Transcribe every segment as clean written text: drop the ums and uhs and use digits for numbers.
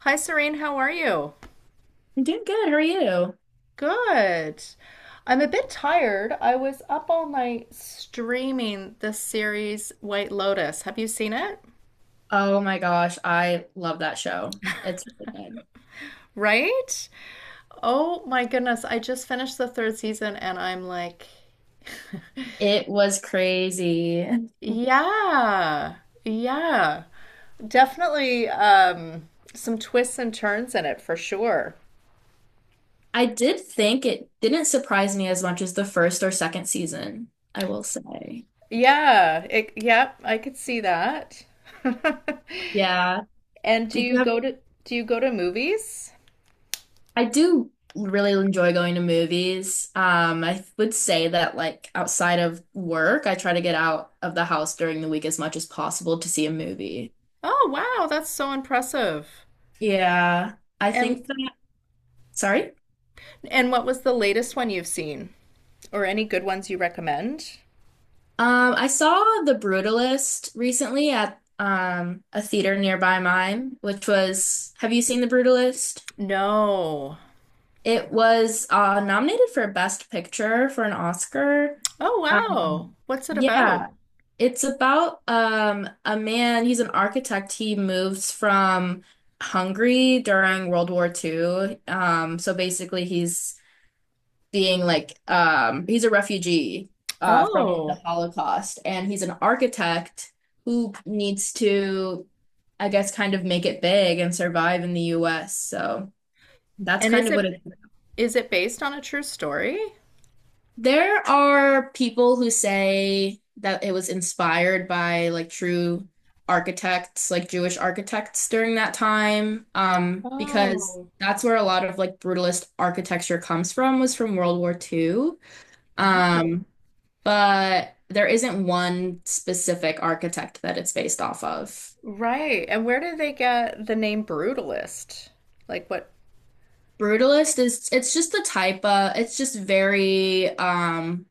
Hi, Serene. How are you? I'm doing good. How are you? Good. I'm a bit tired. I was up all night streaming the series White Lotus. Have you seen it? Oh my gosh, I love that show. It's really good. Right? Oh my goodness. I just finished the third season and I'm like, It was crazy. yeah, yeah. Definitely some twists and turns in it for sure. I did think it didn't surprise me as much as the first or second season, I will say. Yeah, it, yep, I could see that. Yeah. And Did you have, do you go to movies? I do really enjoy going to movies. I would say that outside of work, I try to get out of the house during the week as much as possible to see a movie. Oh, wow, that's so impressive. Yeah. I And think that, sorry? What was the latest one you've seen? Or any good ones you recommend? I saw The Brutalist recently at a theater nearby mine, which was, have you seen The Brutalist? No. It was nominated for Best Picture for an Oscar. Oh, wow. Um, What's it about? yeah, it's about a man, he's an architect. He moves from Hungary during World War II. So basically he's being like he's a refugee from the Oh. Holocaust, and he's an architect who needs to, I guess, kind of make it big and survive in the US. So that's And kind of what it is. is it based on a true story? There are people who say that it was inspired by like true architects, like Jewish architects during that time, because Oh. that's where a lot of like brutalist architecture comes from, was from World War Two. Oh. Um, but there isn't one specific architect that it's based off of. Right. And where did they get the name Brutalist? Like what? Brutalist is it's just the type of it's just very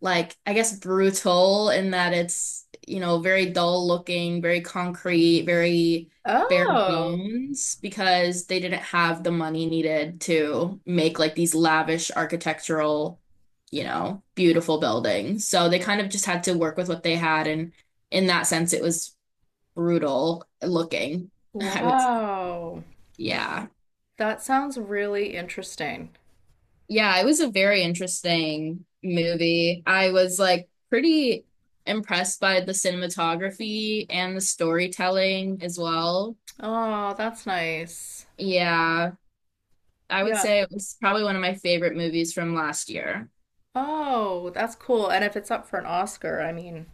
like, I guess, brutal in that it's, you know, very dull looking, very concrete, very bare Oh. bones because they didn't have the money needed to make like these lavish architectural, you know, beautiful buildings. So they kind of just had to work with what they had, and in that sense it was brutal looking, I would say. Wow. Yeah. That sounds really interesting. Yeah, it was a very interesting movie. I was like pretty impressed by the cinematography and the storytelling as well. Oh, that's nice. Yeah, I would Yeah. say it was probably one of my favorite movies from last year. Oh, that's cool. And if it's up for an Oscar, I mean,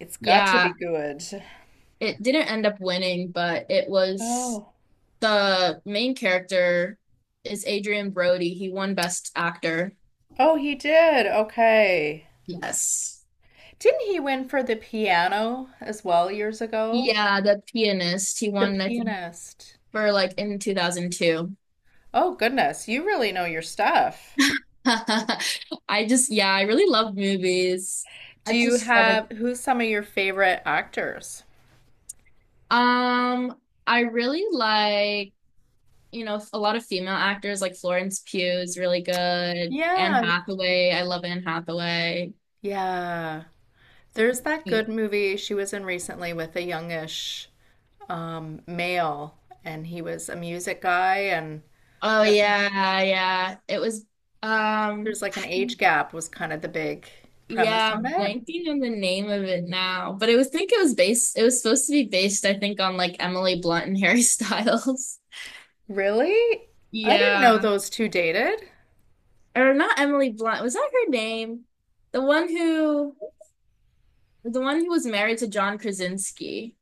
it's got to Yeah, be good. it didn't end up winning, but it was Oh. the main character is Adrian Brody. He won Best Actor. Oh, he did. Okay. Yes. Didn't he win for the piano as well years ago? Yeah, the pianist. He The won, I think, pianist. for like in 2002. Oh, goodness. You really know your stuff. I just, yeah, I really love movies. Do I've you just tried to, have who's some of your favorite actors? um, I really like, you know, a lot of female actors like Florence Pugh is really good. Anne Yeah. Hathaway, I love Anne Hathaway. Yeah. There's that good movie she was in recently with a youngish male and he was a music guy and Oh yeah, yeah. It was, There's um, like an age gap was kind of the big premise yeah, on I'm it. blanking on the name of it now, but it was, think it was based, it was supposed to be based, I think, on like Emily Blunt and Harry Styles. Really? I didn't know Yeah. those two dated. Or not Emily Blunt. Was that her name? The one who the one who was married to John Krasinski.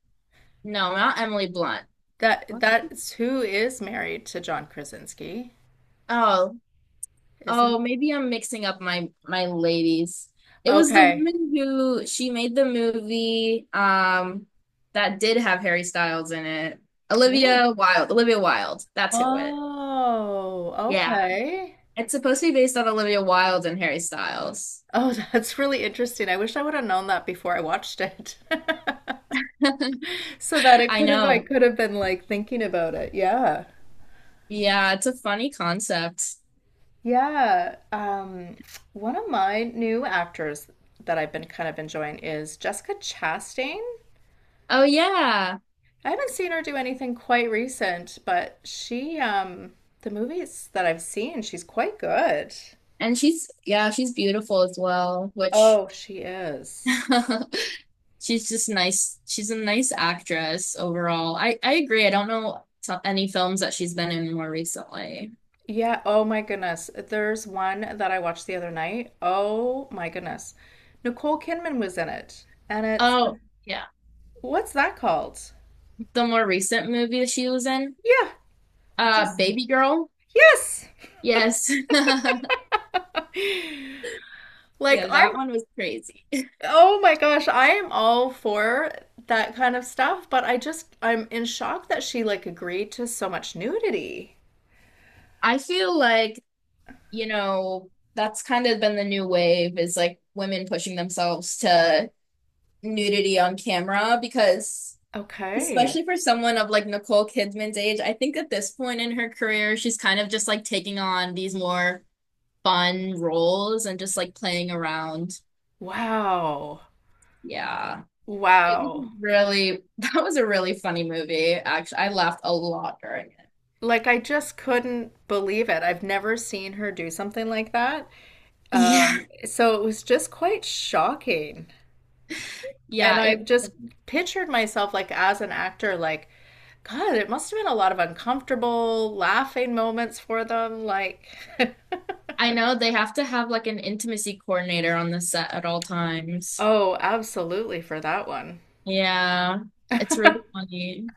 No, not Emily Blunt. That What? that's who is married to John Krasinski, Oh, isn't? oh, maybe I'm mixing up my ladies. It was the Okay. woman who she made the movie that did have Harry Styles in it. Oh. Olivia Wilde. Olivia Wilde. That's who it. Oh, Yeah. okay. It's supposed to be based on Olivia Wilde and Harry Styles. Oh, that's really interesting. I wish I would have known that before I watched it. So that it I could have I know. could have been like thinking about it. Yeah. Yeah, it's a funny concept. Yeah, one of my new actors that I've been kind of enjoying is Jessica Chastain. Oh yeah. I haven't seen her do anything quite recent, but she, the movies that I've seen, she's quite good. And she's, yeah, she's beautiful as well, which Oh, she is. she's just nice. She's a nice actress overall. I agree. I don't know any films that she's been in more recently. Yeah, oh my goodness. There's one that I watched the other night. Oh my goodness. Nicole Kidman was in it. And it's, Oh, yeah. what's that called? The more recent movie that she was in, Yeah, just, Baby Girl. yes. Yes. Like Yeah, I'm that one was crazy. oh my gosh, I am all for that kind of stuff, but I just I'm in shock that she like agreed to so much nudity. I feel like, you know, that's kind of been the new wave is like women pushing themselves to nudity on camera because Okay. especially for someone of like Nicole Kidman's age, I think at this point in her career, she's kind of just like taking on these more fun roles and just like playing around. Wow. Yeah. It was Wow. a really, that was a really funny movie. Actually, I laughed a lot during it. Like I just couldn't believe it. I've never seen her do something like that. Yeah. So it was just quite shocking. And Yeah. I've It, just pictured myself like as an actor, like, God, it must have been a lot of uncomfortable laughing moments for them. Like, I know they have to have like an intimacy coordinator on the set at all times. Oh, absolutely for that one. Yeah. It's really funny.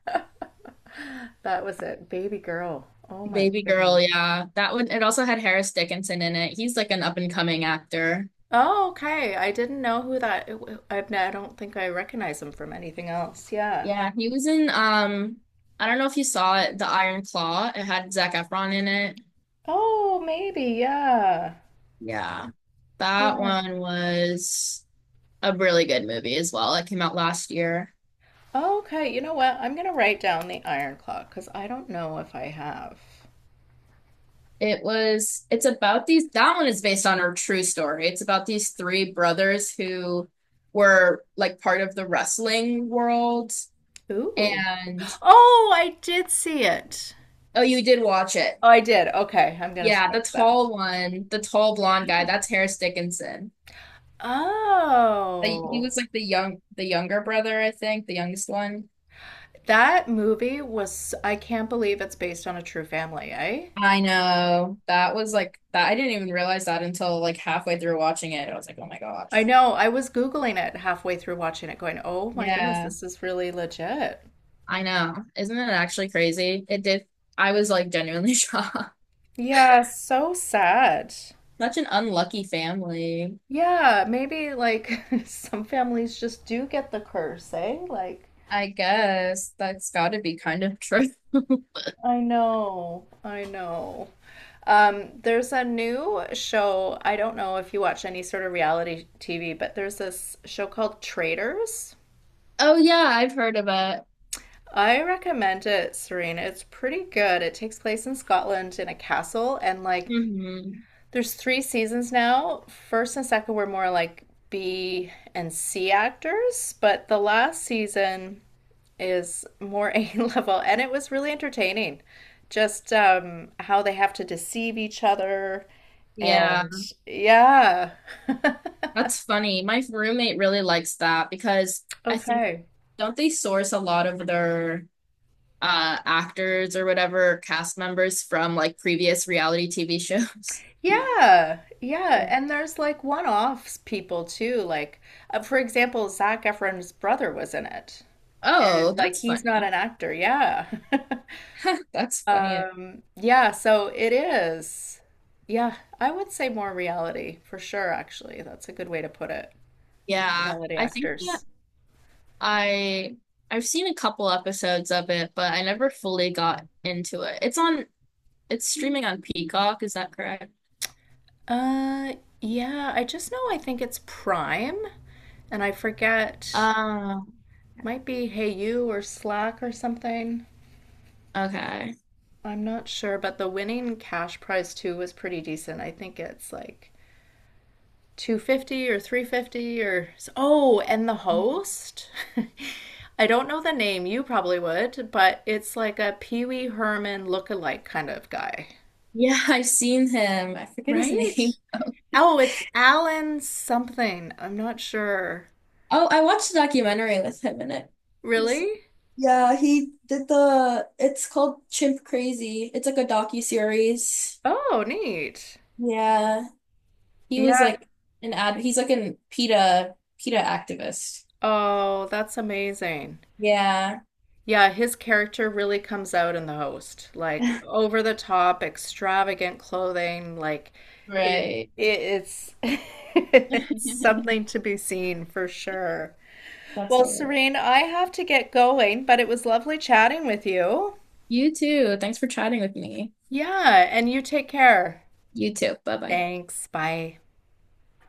That was it. Baby girl. Oh my Baby girl, goodness. yeah. That one, it also had Harris Dickinson in it. He's like an up and coming actor. Oh, okay. I didn't know who that. I don't think I recognize him from anything else. Yeah. Yeah, he was in I don't know if you saw it, The Iron Claw. It had Zac Efron in it. Oh, maybe. Yeah. Yeah. That Yeah. one was a really good movie as well. It came out last year. Okay. You know what? I'm gonna write down the Iron Clock because I don't know if I have. It's about these that one is based on a true story. It's about these three brothers who were like part of the wrestling world Ooh. and Oh, I did see it. oh you did watch it. Oh, I did. Okay. I'm gonna Yeah, the scratch that. tall one, the tall Yeah. blonde guy, that's Harris Dickinson. The, he Oh. was like the younger brother, I think, the youngest one. That movie was, I can't believe it's based on a true family, eh? I know. That was like that. I didn't even realize that until like halfway through watching it. I was like, oh my gosh. I know. I was Googling it halfway through watching it, going, oh my goodness, Yeah, this is really legit. I know. Isn't it actually crazy? It did. I was like genuinely shocked. Yeah, so sad. Such an unlucky family. Yeah, maybe like some families just do get the curse, eh? Like, I guess that's got to be kind of true. I know, I know. There's a new show. I don't know if you watch any sort of reality TV, but there's this show called Traitors. Oh yeah, I've heard of it. I recommend it, Serena. It's pretty good. It takes place in Scotland in a castle, and like Hmm. there's three seasons now. First and second were more like B and C actors, but the last season is more A level, and it was really entertaining. Just how they have to deceive each other, Yeah, and yeah. that's funny. My roommate really likes that because I think Okay. don't they source a lot of their actors or whatever cast members from like previous reality TV shows. Yeah, yeah, Yeah. and there's like one-offs people too. Like, for example, Zac Efron's brother was in it, Oh, and like that's he's not funny. an actor. Yeah, That's funny. Yeah. So it is. Yeah, I would say more reality for sure. Actually, that's a good way to put it. Yeah, Reality I think that actors. I I've seen a couple episodes of it, but I never fully got into it. It's streaming on Peacock, is that correct? Uh, yeah. I just know. I think it's Prime, and I forget. Uh, Might be Hey You or Slack or something. okay. I'm not sure, but the winning cash prize too was pretty decent. I think it's like 250 or 350 or oh, and the host. I don't know the name, you probably would, but it's like a Pee Wee Herman look-alike kind of guy. Yeah, I've seen him. I forget his Right? name. Oh, it's Alan something. I'm not sure. Oh, I watched a documentary with him in it recently. Really? Yeah, he did the, it's called Chimp Crazy. It's like a docu-series. Oh, neat. Yeah. He was Yeah. like he's like an PETA, PETA activist. Oh, that's amazing. Yeah. Yeah, his character really comes out in the host. Like over the top, extravagant clothing, like it, Right. it's it's something to be seen for sure. That's Well, all right. Serene, I have to get going, but it was lovely chatting with you. You too. Thanks for chatting with me. Yeah, and you take care. You too. Bye bye. Thanks. Bye.